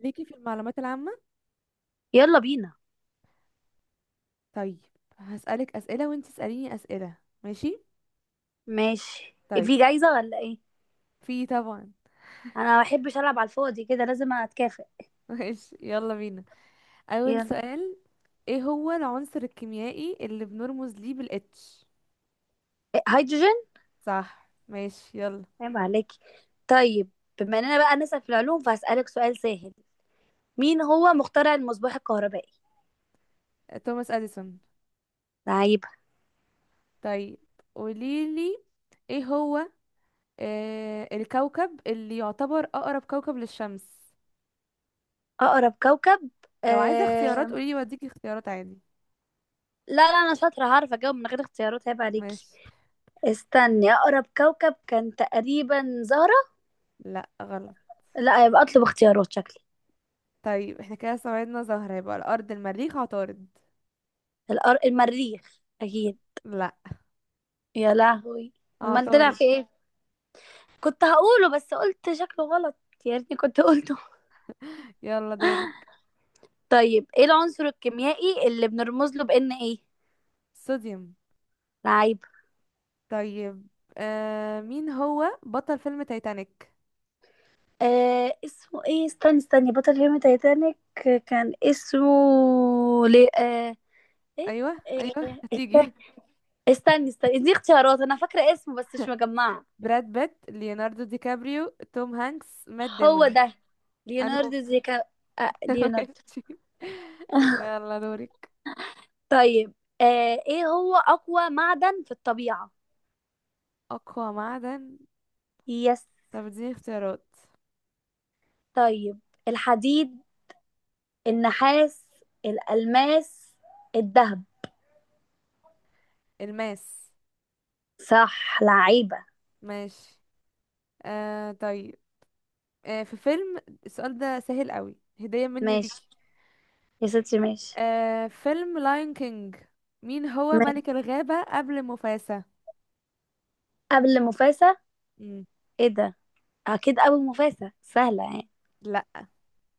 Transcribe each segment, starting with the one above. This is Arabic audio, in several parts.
ليكي في المعلومات العامة. يلا بينا. طيب، هسألك أسئلة وانت تسأليني أسئلة. ماشي. ماشي. طيب. في جايزة ولا ايه؟ في طبعا. انا ما بحبش العب على الفاضي كده، لازم اتكافئ. ماشي، يلا بينا. أول يلا. سؤال: ايه هو العنصر الكيميائي اللي بنرمز ليه بالاتش؟ هيدروجين. صح، ماشي، يلا. عيب عليكي. طيب، بما اننا بقى نسأل في العلوم فهسألك سؤال سهل: مين هو مخترع المصباح الكهربائي؟ توماس أديسون. لعيبة. طيب، قوليلي ايه هو الكوكب اللي يعتبر أقرب كوكب للشمس. اقرب كوكب. لو عايزة اختيارات آه... قوليلي، واديكي اختيارات عادي. لا لا انا شاطرة، هعرف اجاوب من غير اختيارات، عيب عليكي. ماشي. استني، اقرب كوكب كان تقريبا زهرة. لا، غلط. لا، يبقى اطلب اختيارات شكلي. طيب، احنا كده استبعدنا زهرة، يبقى الأرض، المريخ، عطارد. المريخ اكيد. لا، يا لهوي، امال طلع عطارد. في ايه؟ كنت هقوله بس قلت شكله غلط، يا ريتني كنت قلته. يلا دورك. طيب، ايه العنصر الكيميائي اللي بنرمز له بان ايه؟ صوديوم. لعيب. طيب، مين هو بطل فيلم تايتانيك؟ آه اسمه ايه، استني بطل فيلم تايتانيك كان اسمه لي... آه ايه ايوه، آه ايوه، هتيجي. استني استني دي اختيارات، انا فاكره اسمه بس مش مجمعه. براد بيت، ليوناردو دي كابريو، توم هانكس، مات هو ديمون. ده، انهو؟ ليوناردو زيكا. آه ليوناردو. ماشي. يلا دورك. طيب، ايه هو اقوى معدن في الطبيعه؟ اقوى معدن؟ يس. طب اديني اختيارات. طيب: الحديد، النحاس، الألماس، الذهب. الماس. صح لعيبة. ماشي. طيب، في فيلم، السؤال ده سهل قوي، هدية مني ماشي ليكي. يا ستي ماشي. فيلم لاين كينج، مين هو ماشي. ملك الغابة قبل مفاسا؟ قبل مفاسة؟ مم. ايه ده، اكيد ابو مفاسة، سهلة يعني. لا.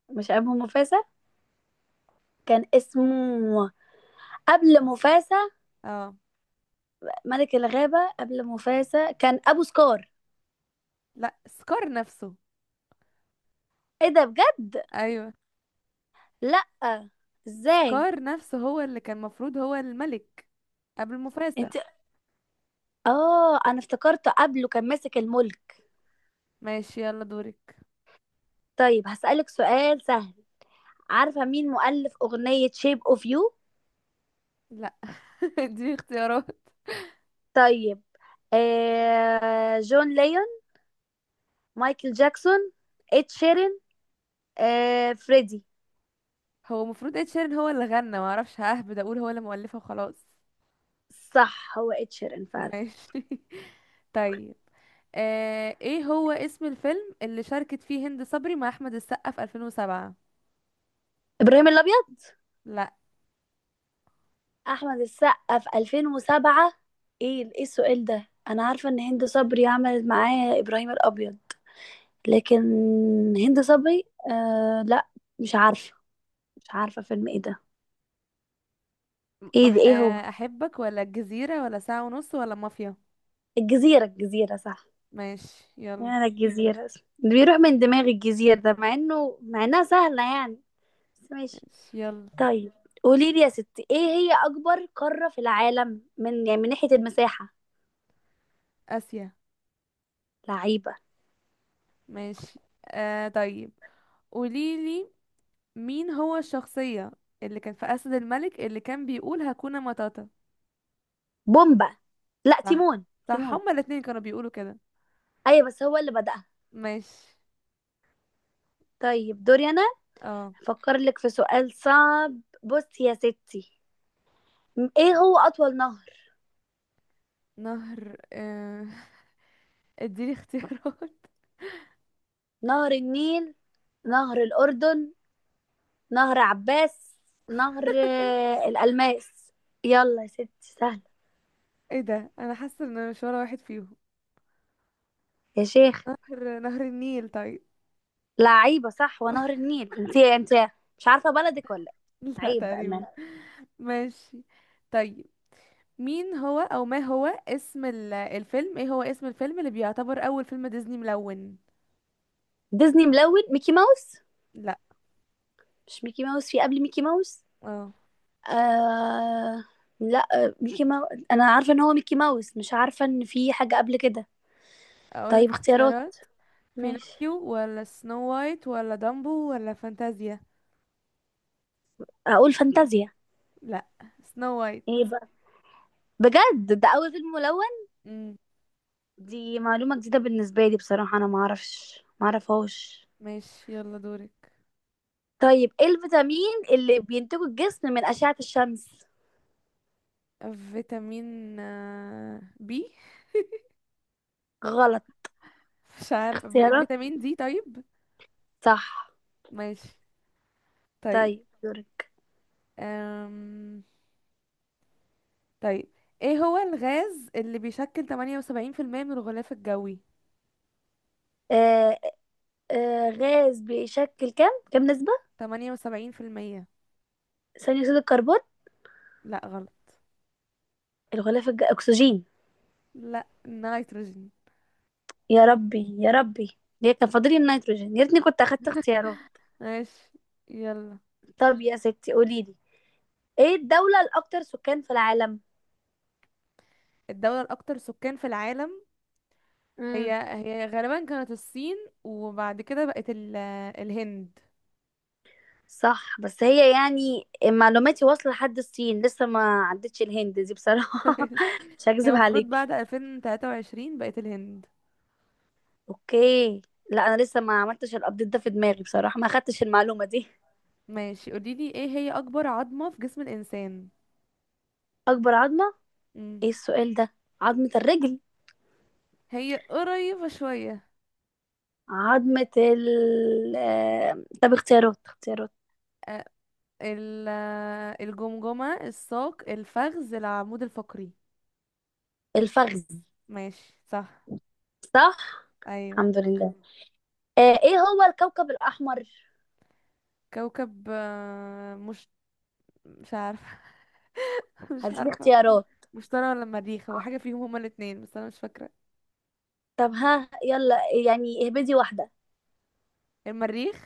مش ابو مفاسة؟ كان اسمه قبل مفاسة اه. ملك الغابة قبل مفاسة كان ابو سكار. لا، سكار نفسه. ايه ده بجد؟ ايوه، لا، ازاي؟ سكار نفسه هو اللي كان مفروض هو الملك قبل مفاسا. انت، اه انا افتكرته قبله كان ماسك الملك. ماشي، يلا دورك. طيب هسألك سؤال سهل: عارفة مين مؤلف أغنية شيب اوف يو؟ لا. دي اختيارات. طيب، آه جون ليون، مايكل جاكسون، إد شيرين، آه فريدي. هو المفروض ed شيران هو اللي غنى، معرفش، ههبد اقول هو اللي مؤلفه وخلاص. صح هو إد شيرين فعلا. ماشي. طيب، ايه هو اسم الفيلم اللي شاركت فيه هند صبري مع احمد السقا في 2007؟ إبراهيم الأبيض. أحمد السقا في 2007؟ إيه إيه، السؤال ده أنا عارفة إن هند صبري عملت معاه إبراهيم الأبيض، لكن هند صبري لا، مش عارفة، مش عارفة فيلم إيه ده. إيه ده، إيه هو؟ احبك ولا الجزيرة ولا ساعة ونص ولا مافيا. الجزيرة، الجزيرة صح. ماشي، يلا. يعني الجزيرة اللي بيروح من دماغي، الجزيرة ده مع إنه مع إنها سهلة يعني، بس ماشي. ماشي، يلا. طيب قولي لي يا ستي، ايه هي اكبر قارة في العالم من يعني من ناحية المساحة؟ اسيا. لعيبة. ماشي. طيب، قوليلي مين هو الشخصية اللي كان في اسد الملك اللي كان بيقول هكونا ماتاتا؟ بومبا، لا صح. تيمون. صح، تيمون، هما الاتنين كانوا بيقولوا كده. ايوه بس هو اللي بدأها. ماشي. طيب دوري انا، اه. افكر لك في سؤال صعب، بصي يا ستي، ايه هو اطول نهر؟ نهر اديني اختيارات. نهر النيل، نهر الاردن، نهر عباس، نهر الالماس. يلا يا ستي سهلة. ايه ده، انا حاسه ان أنا مش ولا واحد فيهم. يا شيخ، نهر النيل، طيب. لعيبة صح ونهر النيل، انت انت مش عارفة بلدك ولا؟ إيه؟ لا، عيب بقى. تقريبا. ماشي. طيب. مين هو او ما هو اسم ال- الفيلم ايه هو اسم الفيلم اللي بيعتبر اول فيلم ديزني ملون؟ ديزني ملون، ميكي ماوس. لا. مش ميكي ماوس، في قبل ميكي ماوس؟ اه آه... لا ميكي ماوس انا عارفه ان هو ميكي ماوس، مش عارفه ان في حاجه قبل كده. اقول طيب لك اختيارات، اختيارات. ماشي. بينوكيو ولا سنو وايت ولا دامبو ولا فانتازيا؟ اقول فانتازيا. لا، سنو وايت. ايه بقى، بجد ده اول فيلم ملون؟ امم دي معلومه جديده بالنسبه لي بصراحه، انا ما اعرفش ما اعرفهاش. ماشي، يلا دورك. طيب ايه الفيتامين اللي بينتجه الجسم من اشعه الشمس؟ فيتامين بي. غلط. مش عارف، اختيارات. فيتامين دي، طيب. صح. ماشي. طيب. طيب دورك. أم... طيب، ايه هو الغاز اللي بيشكل 78% من الغلاف الجوي؟ آه، غاز بيشكل كام نسبة؟ 78%. ثاني أكسيد الكربون. لا، غلط. أكسجين. لا، النيتروجين. يا ربي يا ربي، ليه كان فاضلي النيتروجين، يا ريتني كنت أخدت اختيارات. ماشي، يلا. طب يا ستي قولي لي، إيه الدولة الأكثر سكان في العالم؟ الدولة الأكثر سكان في العالم؟ هي امم. هي غالبا كانت الصين، وبعد كده بقت الهند. صح، بس هي يعني معلوماتي واصلة لحد الصين لسه، ما عدتش الهند دي بصراحة. مش هي هكذب المفروض عليك. بعد 2023 بقت الهند. اوكي، لا انا لسه ما عملتش الابديت ده في دماغي بصراحة، ما خدتش المعلومة دي. ماشي، قوليلي ايه هي أكبر عظمة في جسم الإنسان؟ اكبر عظمة. مم. ايه السؤال ده؟ عظمة الرجل. هي قريبة شوية. عظمة ال طب اختيارات. أ- ال... الجمجمة، الساق، الفخذ، العمود الفقري. الفخذ. ماشي، صح. صح. أيوه. الحمد لله. آه، ايه هو الكوكب الأحمر؟ كوكب مش عارفة. مش هديك عارفة. اختيارات. مشتري ولا مريخ، هو حاجة فيهم هما الاتنين بس أنا مش فاكرة. طب ها يلا، يعني اهبدي واحدة. المريخ.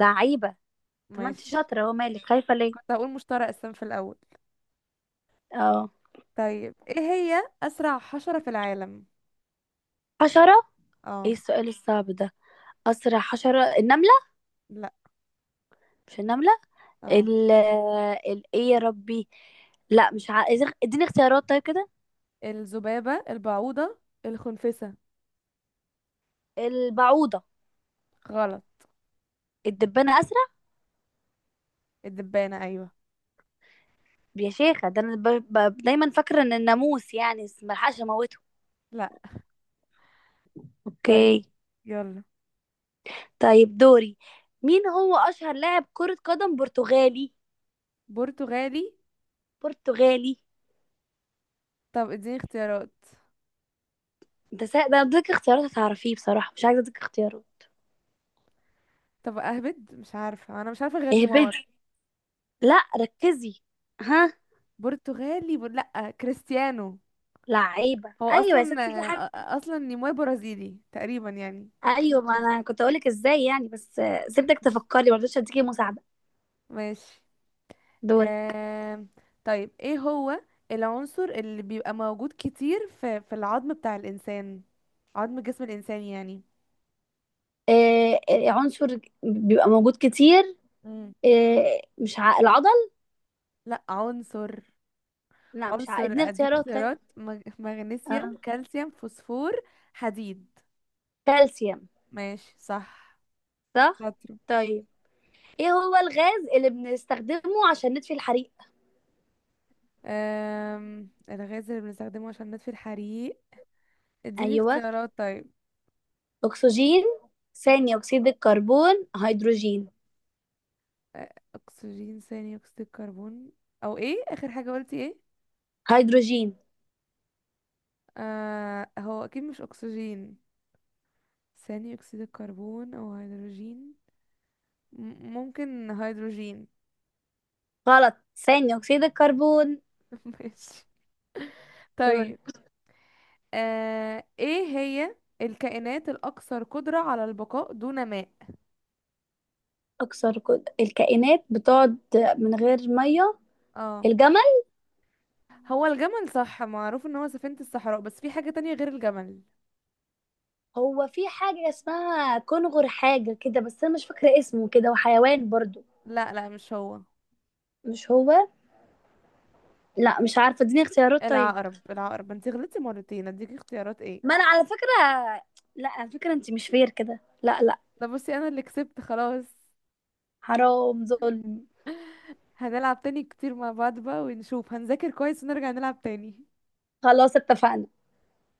لعيبة. طب ما انت ماشي. شاطرة، هو مالك خايفة ليه؟ كنت هقول مشتري أساسا في الأول. اه، طيب، ايه هي أسرع حشرة في العالم؟ حشرة. ايه اه. السؤال الصعب ده؟ أسرع حشرة، النملة. لا. مش النملة؟ اه. ال ال ايه يا ربي؟ لا مش ع... اديني اختيارات طيب كده. الذبابة، البعوضة، الخنفسة. البعوضة. غلط. الدبانة أسرع. الدبانة، أيوه. يا شيخة، ده أنا دايما فاكرة إن الناموس يعني، بس ملحقش أموته. لا. طيب، أوكي. يلا. طيب دوري، مين هو أشهر لاعب كرة قدم برتغالي؟ برتغالي؟ برتغالي. طب اديني اختيارات. انت ده اديك اختيارات هتعرفيه، بصراحة مش عايزة اديك اختيارات. طب أهبد، مش عارفة، أنا مش عارفة غير نيمار. اهبدي. لا ركزي، ها. لا، كريستيانو. لعيبة هو ايوه يا أصلا، ستي، في حاجة. أصلا نيمار برازيلي تقريبا يعني. ايوه، ما انا كنت اقولك ازاي يعني، بس سيبتك تفكري ما رضيتش اديكي مساعدة. ماشي. دوري. آم، طيب، ايه هو العنصر اللي بيبقى موجود كتير في العظم بتاع الإنسان، عظم جسم الإنسان يعني؟ آه، عنصر بيبقى موجود كتير. مم. آه مش ع... العضل. لا، عنصر. لا مش ع... عنصر، اديني اديك اختيارات طيب. اختيارات: مغنيسيوم، آه. كالسيوم، فوسفور، حديد. كالسيوم. ماشي، صح. صح. شاطرة. طيب ايه هو الغاز اللي بنستخدمه عشان نطفي الحريق؟ الغاز اللي بنستخدمه عشان نطفي الحريق؟ اديني ايوه، اختيارات طيب. اكسجين، ثاني اكسيد الكربون، هيدروجين. أ- اكسجين، ثاني اكسيد الكربون، او ايه اخر حاجة قلتي؟ ايه؟ هيدروجين؟ آه، هو اكيد مش اكسجين. ثاني اكسيد الكربون او هيدروجين. ممكن هيدروجين. غلط. ثاني اكسيد الكربون. ماشي. دول. طيب، ايه هي الكائنات الاكثر قدرة على البقاء دون ماء؟ اكثر الكائنات بتقعد من غير ميه. اه. الجمل. هو الجمل صح، معروف ان هو سفينة الصحراء، بس في حاجة تانية غير الجمل. هو في حاجه اسمها كنغر، حاجه كده بس انا مش فاكره اسمه كده، وحيوان برضو. لا، لا، مش هو. مش هو؟ لا مش عارفه، اديني اختيارات طيب. العقرب. العقرب، انتي غلطتي مرتين، اديكي اختيارات ايه؟ ما انا على فكره، لا على فكره انت مش فير كده، لا لا. ده بصي، انا اللي كسبت خلاص. حرام ظلم. هنلعب تاني كتير مع بعض بقى، ونشوف، هنذاكر كويس ونرجع نلعب تاني. خلاص اتفقنا.